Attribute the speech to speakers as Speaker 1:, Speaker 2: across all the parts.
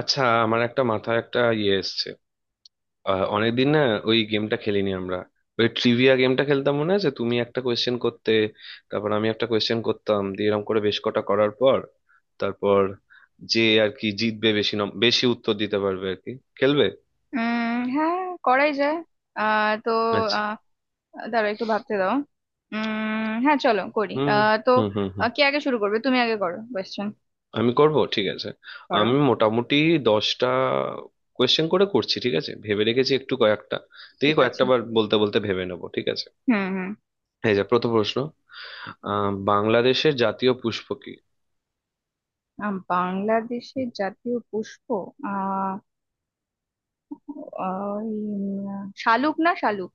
Speaker 1: আচ্ছা, আমার একটা মাথায় একটা ইয়ে এসছে। অনেকদিন না ওই গেমটা খেলিনি আমরা। ওই ট্রিভিয়া গেমটা খেলতাম মনে আছে? তুমি একটা কোয়েশ্চেন করতে, তারপর আমি একটা কোয়েশ্চেন করতাম, দিয়ে এরকম করে বেশ কটা করার পর, তারপর, যে আর কি জিতবে, বেশি বেশি উত্তর দিতে পারবে আর কি, খেলবে।
Speaker 2: হ্যাঁ, করাই যায়। আহ তো
Speaker 1: আচ্ছা।
Speaker 2: আহ দাঁড়াও, একটু ভাবতে দাও। হ্যাঁ, চলো করি।
Speaker 1: হুম হুম হুম হুম।
Speaker 2: কে আগে শুরু করবে? তুমি আগে করো কোয়েশ্চেন।
Speaker 1: আমি করব, ঠিক আছে।
Speaker 2: করো,
Speaker 1: আমি মোটামুটি 10টা কোয়েশ্চেন করে করছি, ঠিক আছে, ভেবে রেখেছি একটু কয়েকটা, দেখি
Speaker 2: ঠিক আছে।
Speaker 1: কয়েকটা বার বলতে বলতে ভেবে নেবো, ঠিক আছে।
Speaker 2: হুম হুম।
Speaker 1: এই যে প্রথম প্রশ্ন। বাংলাদেশের জাতীয় পুষ্প কি?
Speaker 2: বাংলাদেশের জাতীয় পুষ্প? আহ আহ, উম, শালুক, না শালুক,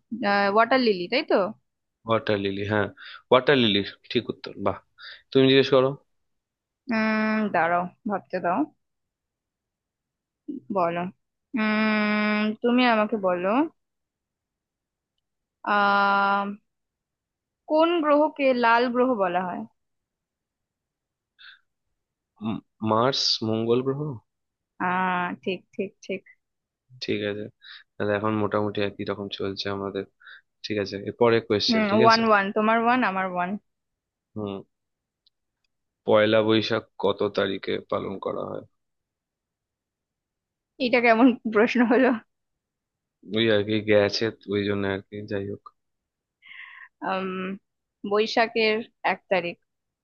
Speaker 2: ওয়াটার লিলি, তাই তো?
Speaker 1: ওয়াটার লিলি, হ্যাঁ। Water lily. ঠিক উত্তর, বাহ। তুমি জিজ্ঞেস করো।
Speaker 2: দাঁড়াও, ভাবতে দাও। বলো। তুমি আমাকে বলো। আহ কোন গ্রহকে লাল গ্রহ বলা হয়?
Speaker 1: উম, মার্স, মঙ্গল গ্রহ।
Speaker 2: আহ ঠিক ঠিক ঠিক।
Speaker 1: ঠিক আছে। তাহলে এখন মোটামুটি একই রকম চলছে আমাদের। ঠিক আছে, এরপরে
Speaker 2: হুম,
Speaker 1: কোয়েশ্চেন, ঠিক
Speaker 2: ওয়ান
Speaker 1: আছে।
Speaker 2: ওয়ান, তোমার ওয়ান আমার ওয়ান।
Speaker 1: হুম। পয়লা বৈশাখ কত তারিখে পালন করা হয়?
Speaker 2: এটা কেমন প্রশ্ন হলো?
Speaker 1: ওই আর কি গেছে, ওই জন্য আর কি, যাই হোক।
Speaker 2: আম, বৈশাখের 1 তারিখ,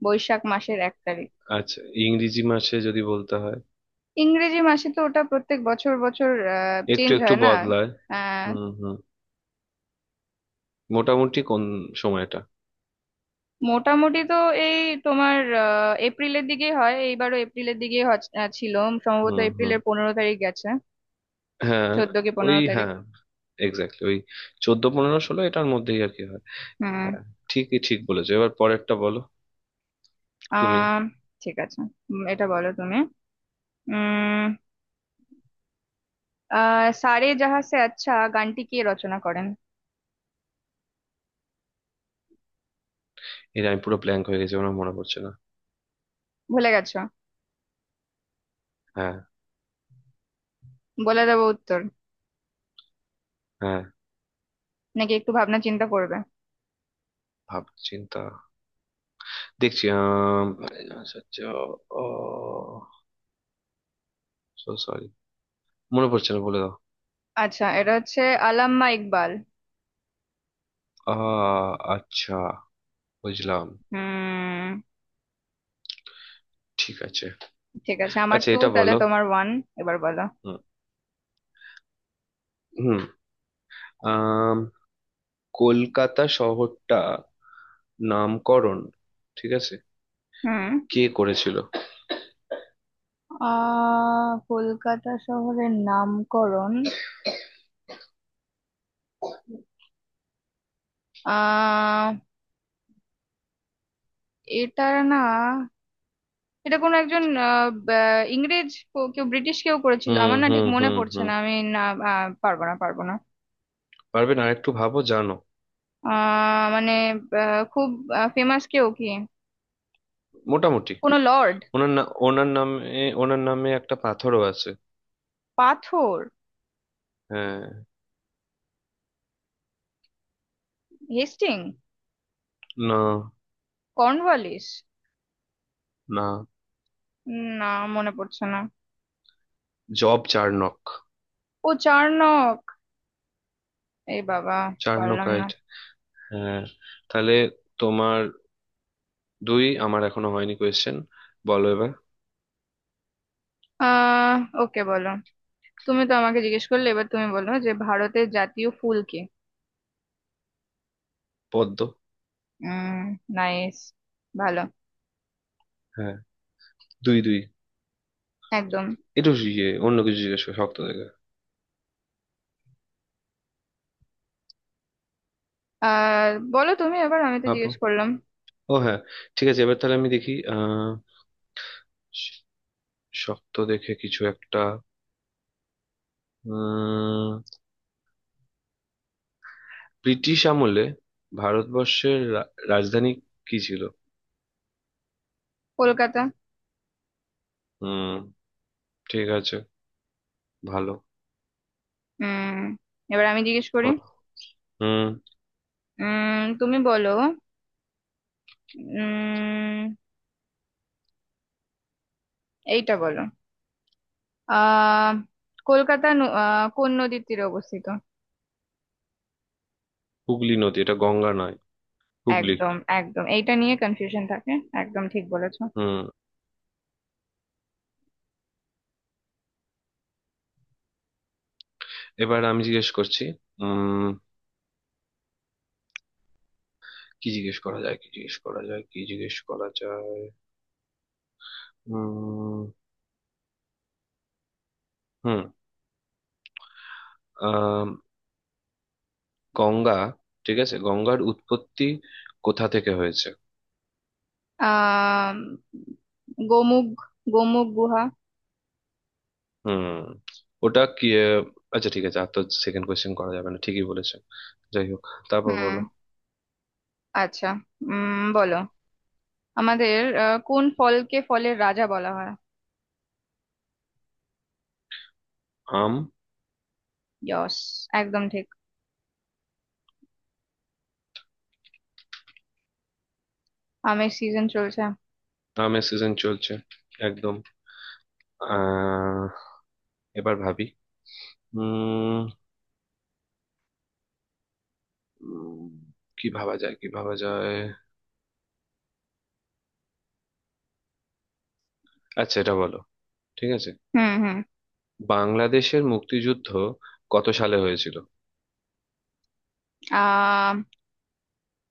Speaker 2: বৈশাখ মাসের 1 তারিখ।
Speaker 1: আচ্ছা, ইংরেজি মাসে যদি বলতে হয়,
Speaker 2: ইংরেজি মাসে তো ওটা প্রত্যেক বছর বছর
Speaker 1: একটু
Speaker 2: চেঞ্জ
Speaker 1: একটু
Speaker 2: হয় না।
Speaker 1: বদলায়।
Speaker 2: আহ,
Speaker 1: হুম হুম। মোটামুটি কোন সময়টা?
Speaker 2: মোটামুটি তো এই তোমার, এপ্রিলের দিকেই হয়, এইবারও এপ্রিলের দিকেই ছিল। সম্ভবত
Speaker 1: হুম হুম।
Speaker 2: এপ্রিলের 15 তারিখ গেছে।
Speaker 1: হ্যাঁ,
Speaker 2: চোদ্দ কি
Speaker 1: ওই
Speaker 2: পনেরো তারিখ
Speaker 1: হ্যাঁ, এক্স্যাক্টলি ওই, 14, 15, 16 এটার মধ্যেই আর কি হয়।
Speaker 2: হুম।
Speaker 1: হ্যাঁ। ঠিকই, ঠিক বলেছো, এবার পরেরটা বলো তুমি।
Speaker 2: আহ ঠিক আছে। এটা বলো তুমি। উম আহ সারে জাহাঁ সে আচ্ছা গানটি কে রচনা করেন?
Speaker 1: এর আমি পুরো ব্ল্যাঙ্ক হয়ে গেছি, আমার মনে পড়ছে না।
Speaker 2: ভুলে গেছো?
Speaker 1: হ্যাঁ।
Speaker 2: বলে দেবো উত্তর?
Speaker 1: হ্যাঁ।
Speaker 2: নাকি একটু ভাবনা চিন্তা করবে?
Speaker 1: ভাব চিন্তা দেখছি। আচ্ছা আচ্ছা, ও, সো সরি, মনে পড়ছে না, বলে দাও।
Speaker 2: আচ্ছা, এটা হচ্ছে আল্লামা ইকবাল।
Speaker 1: আ, আচ্ছা, বুঝলাম।
Speaker 2: হুম,
Speaker 1: ঠিক আছে।
Speaker 2: ঠিক আছে। আমার
Speaker 1: আচ্ছা,
Speaker 2: টু,
Speaker 1: এটা
Speaker 2: তাহলে
Speaker 1: বলো।
Speaker 2: তোমার ওয়ান। এবার বলো।
Speaker 1: হুম। হুম, আম, কলকাতা শহরটা, নামকরণ, ঠিক আছে,
Speaker 2: হুম।
Speaker 1: কে করেছিল?
Speaker 2: কলকাতা শহরের নামকরণ। আহ এটার না, এটা কোনো একজন ইংরেজ কেউ, ব্রিটিশ কেউ করেছিল,
Speaker 1: হুম
Speaker 2: আমার না
Speaker 1: হুম
Speaker 2: ঠিক মনে
Speaker 1: হুম
Speaker 2: পড়ছে
Speaker 1: হুম।
Speaker 2: না আমি না। পারবো না, পারবো না।
Speaker 1: পারবেন, আর একটু ভাবো, জানো।
Speaker 2: মানে খুব ফেমাস কেউ কি?
Speaker 1: মোটামুটি।
Speaker 2: কোনো লর্ড?
Speaker 1: ওনার না, ওনার নামে একটা পাথরও আছে।
Speaker 2: পাথর?
Speaker 1: হ্যাঁ।
Speaker 2: হেস্টিং?
Speaker 1: না।
Speaker 2: কর্নওয়ালিস?
Speaker 1: না।
Speaker 2: না, মনে পড়ছে না।
Speaker 1: Job Charnock.
Speaker 2: ও, চার্নক! এই বাবা, পারলাম না।
Speaker 1: চার্নকাইট। হ্যাঁ। তাহলে তোমার দুই, আমার এখনো হয়নি কোয়েশ্চেন, বলো এবার।
Speaker 2: আহ ওকে, বলো। তুমি তো আমাকে জিজ্ঞেস করলে, এবার তুমি বলো যে ভারতের জাতীয় ফুল কি?
Speaker 1: পদ্ম।
Speaker 2: উম নাইস, ভালো।
Speaker 1: হ্যাঁ। দুই দুই।
Speaker 2: একদম।
Speaker 1: একটু ইয়ে অন্য কিছু জিজ্ঞেস করো শক্ত দেখে।
Speaker 2: আর বলো তুমি, এবার আমি তো
Speaker 1: ভাবো।
Speaker 2: জিজ্ঞেস করলাম।
Speaker 1: ও হ্যাঁ, ঠিক আছে, এবার তাহলে আমি দেখি। শ- শক্ত দেখে কিছু একটা। ব্রিটিশ আমলে ভারতবর্ষের রাজধানী কি ছিল?
Speaker 2: কলকাতা।
Speaker 1: হুম, ঠিক আছে, ভালো।
Speaker 2: উম এবার আমি জিজ্ঞেস করি।
Speaker 1: বলো। হুম।
Speaker 2: তুমি বলো। উম এইটা বলো। আহ কলকাতা কোন নদীর তীরে অবস্থিত?
Speaker 1: হুগলি নদী, এটা গঙ্গা নয়। হুগলি।
Speaker 2: একদম একদম, এইটা নিয়ে কনফিউশন থাকে। একদম ঠিক বলেছো।
Speaker 1: হুম। এবার আমি জিজ্ঞেস করছি। উম। কি জিজ্ঞেস করা যায়, কি জিজ্ঞেস করা যায়, কি জিজ্ঞেস করা যায়? উম। হুম। আহ। গঙ্গা, ঠিক আছে, গঙ্গার উৎপত্তি কোথা থেকে হয়েছে?
Speaker 2: আহ গোমুখ, গোমুখ গুহা।
Speaker 1: হুম। ওটা কি? আচ্ছা ঠিক আছে, আর তো সেকেন্ড কোয়েশ্চেন করা যাবে না, ঠিকই বলেছে। যাই হোক, তারপর
Speaker 2: হুম,
Speaker 1: বলো।
Speaker 2: আচ্ছা। বলো আমাদের। কোন ফলকে ফলের রাজা বলা হয়?
Speaker 1: আম।
Speaker 2: ইয়স, একদম ঠিক। আমের সিজন চলছে।
Speaker 1: আমের সিজন চলছে, একদম। আহ, এবার ভাবি। উম। উম, কি ভাবা যায়, কি ভাবা যায়? আচ্ছা, এটা বলো, ঠিক আছে।
Speaker 2: হুম হুম।
Speaker 1: বাংলাদেশের মুক্তিযুদ্ধ কত সালে হয়েছিল?
Speaker 2: আহ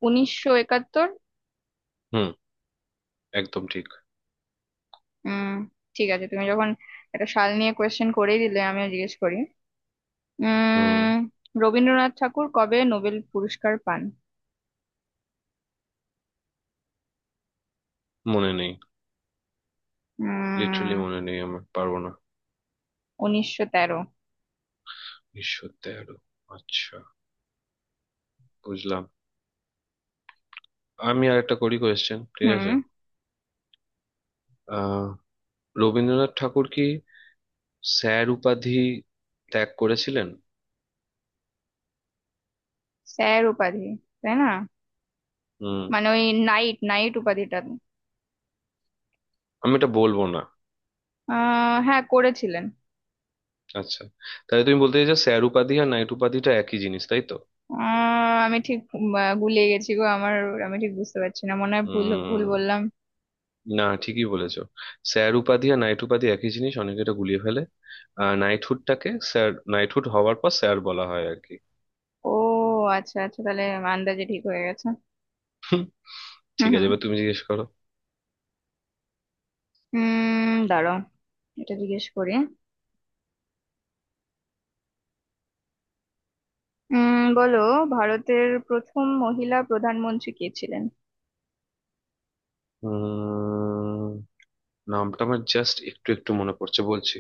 Speaker 2: 1971।
Speaker 1: হুম, একদম ঠিক।
Speaker 2: উম ঠিক আছে, তুমি যখন একটা সাল নিয়ে কোয়েশ্চেন করেই দিলে, আমিও জিজ্ঞেস করি।
Speaker 1: হুম।
Speaker 2: উম রবীন্দ্রনাথ ঠাকুর কবে নোবেল পুরস্কার পান?
Speaker 1: মনে নেই। লিটারালি
Speaker 2: উম
Speaker 1: মনে নেই আমার, পারবো না।
Speaker 2: 1913।
Speaker 1: ঈশ্বর, 13? আচ্ছা, বুঝলাম। আমি আরেকটা করি কোয়েশ্চেন, ঠিক
Speaker 2: হুম।
Speaker 1: আছে। আহ, রবীন্দ্রনাথ ঠাকুর কি স্যার উপাধি ত্যাগ করেছিলেন?
Speaker 2: স্যার উপাধি, তাই না?
Speaker 1: হুম।
Speaker 2: মানে ওই নাইট নাইট উপাধিটা।
Speaker 1: আমি এটা বলবো না।
Speaker 2: হ্যাঁ, করেছিলেন।
Speaker 1: আচ্ছা, তাহলে তুমি বলতে চাইছো স্যার উপাধি আর নাইট উপাধিটা একই জিনিস, তাই তো?
Speaker 2: আমি ঠিক গুলিয়ে গেছি গো আমার। আমি ঠিক বুঝতে পারছি না, মনে হয় ভুল ভুল
Speaker 1: উম,
Speaker 2: বললাম।
Speaker 1: না, ঠিকই বলেছো। স্যার উপাধি আর নাইট উপাধি একই জিনিস, অনেকে এটা গুলিয়ে ফেলে। আর নাইটহুডটাকে স্যার, নাইটহুড হওয়ার পর স্যার বলা হয় আর কি।
Speaker 2: ও আচ্ছা, আচ্ছা, তাহলে আন্দাজে ঠিক হয়ে গেছে।
Speaker 1: হুম।
Speaker 2: হুম
Speaker 1: ঠিক
Speaker 2: হুম।
Speaker 1: আছে, এবার তুমি জিজ্ঞেস করো।
Speaker 2: দাঁড়াও, এটা জিজ্ঞেস করি। বলো। ভারতের প্রথম মহিলা প্রধানমন্ত্রী কে ছিলেন?
Speaker 1: উম। নামটা আমার জাস্ট একটু একটু মনে পড়ছে, বলছি।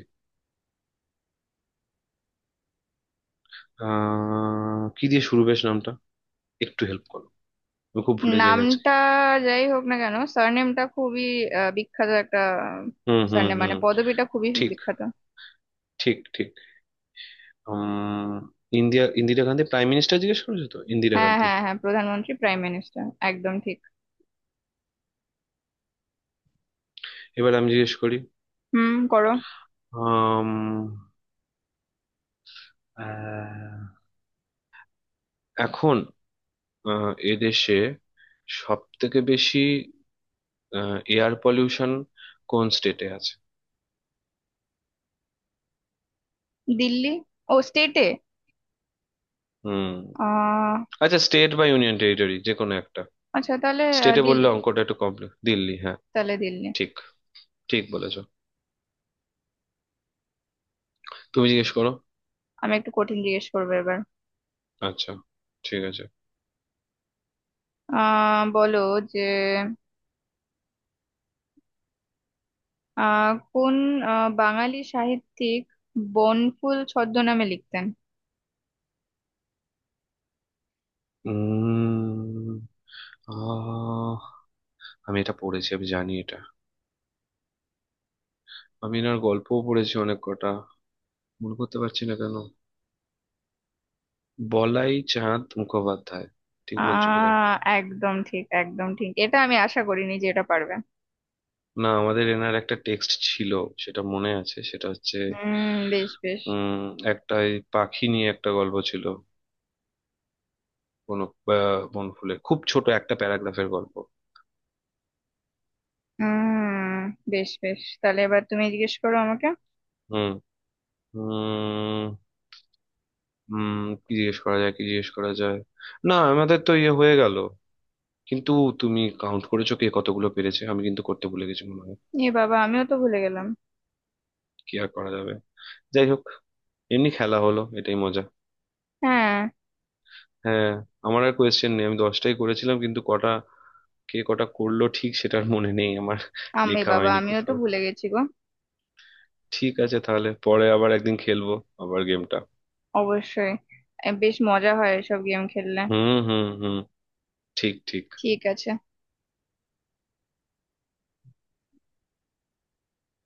Speaker 1: আহ, কি দিয়ে শুরু বেশ নামটা? একটু হেল্প করো, আমি খুব ভুলে যাই আজকে।
Speaker 2: নামটা যাই হোক না কেন, সারনেমটা খুবই বিখ্যাত একটা।
Speaker 1: হুম হুম
Speaker 2: সারনেম মানে
Speaker 1: হুম।
Speaker 2: পদবিটা খুবই
Speaker 1: ঠিক
Speaker 2: বিখ্যাত।
Speaker 1: ঠিক ঠিক। উম। ইন্দিরা ইন্দিরা গান্ধী, প্রাইম মিনিস্টার জিজ্ঞেস করেছো তো, ইন্দিরা
Speaker 2: হ্যাঁ
Speaker 1: গান্ধী।
Speaker 2: হ্যাঁ হ্যাঁ হ্যাঁ, প্রধানমন্ত্রী প্রাইম মিনিস্টার, একদম ঠিক।
Speaker 1: এবার আমি জিজ্ঞেস করি।
Speaker 2: হুম, করো।
Speaker 1: আম, আহ, এখন, এদেশে সব থেকে বেশি এয়ার পলিউশন কোন স্টেটে আছে?
Speaker 2: দিল্লি। ও, স্টেটে?
Speaker 1: হুম।
Speaker 2: আহ
Speaker 1: আচ্ছা, স্টেট বা ইউনিয়ন টেরিটরি যে কোনো একটা।
Speaker 2: আচ্ছা, তাহলে
Speaker 1: স্টেটে বললে
Speaker 2: দিল্লি,
Speaker 1: অঙ্কটা একটু কমপ্লেক্স, দিল্লি, হ্যাঁ।
Speaker 2: তাহলে দিল্লি।
Speaker 1: ঠিক, ঠিক বলেছো, তুমি জিজ্ঞেস করো।
Speaker 2: আমি একটু কঠিন জিজ্ঞেস করবো এবার।
Speaker 1: আচ্ছা, ঠিক আছে।
Speaker 2: বলো যে, কোন বাঙালি সাহিত্যিক বনফুল ছদ্মনামে লিখতেন?
Speaker 1: উম আহ, আমি এটা পড়েছি, আমি জানি এটা, আমি এনার গল্পও পড়েছি অনেক কটা, মনে করতে পারছি না কেন। বলাই চাঁদ মুখোপাধ্যায়। ঠিক বলছি বোধহয়।
Speaker 2: আহ একদম ঠিক, একদম ঠিক। এটা আমি আশা করিনি যে এটা পারবে।
Speaker 1: না, আমাদের এনার একটা টেক্সট ছিল, সেটা মনে আছে। সেটা হচ্ছে,
Speaker 2: হুম, বেশ বেশ।
Speaker 1: উম, একটা এই পাখি নিয়ে একটা গল্প ছিল কোন বনফুলে, খুব ছোট একটা প্যারাগ্রাফের গল্প।
Speaker 2: হুম, বেশ বেশ। তাহলে এবার তুমি জিজ্ঞেস করো আমাকে।
Speaker 1: হুম হুম হুম। কি জিজ্ঞেস করা যায়, কি জিজ্ঞেস করা যায়? না, আমাদের তো ইয়ে হয়ে গেল কিন্তু, তুমি কাউন্ট করেছো কে কতগুলো পেরেছে? আমি কিন্তু করতে ভুলে গেছি মনে হয়।
Speaker 2: এ বাবা, আমিও তো ভুলে গেলাম।
Speaker 1: কি আর করা যাবে, যাই হোক, এমনি খেলা হলো, এটাই মজা।
Speaker 2: হ্যাঁ,
Speaker 1: হ্যাঁ। আমার আর কোয়েশ্চেন নেই, আমি 10টাই করেছিলাম, কিন্তু কটা, কে কটা করলো ঠিক সেটার মনে নেই আমার।
Speaker 2: আমি
Speaker 1: লেখা
Speaker 2: বাবা,
Speaker 1: হয়নি
Speaker 2: আমিও তো
Speaker 1: কোথাও।
Speaker 2: ভুলে গেছি গো।
Speaker 1: ঠিক আছে, তাহলে পরে আবার একদিন খেলবো, আবার গেমটা।
Speaker 2: অবশ্যই। এ, বেশ মজা হয় এসব গেম খেললে।
Speaker 1: হুম হুম হুম। ঠিক ঠিক।
Speaker 2: ঠিক আছে।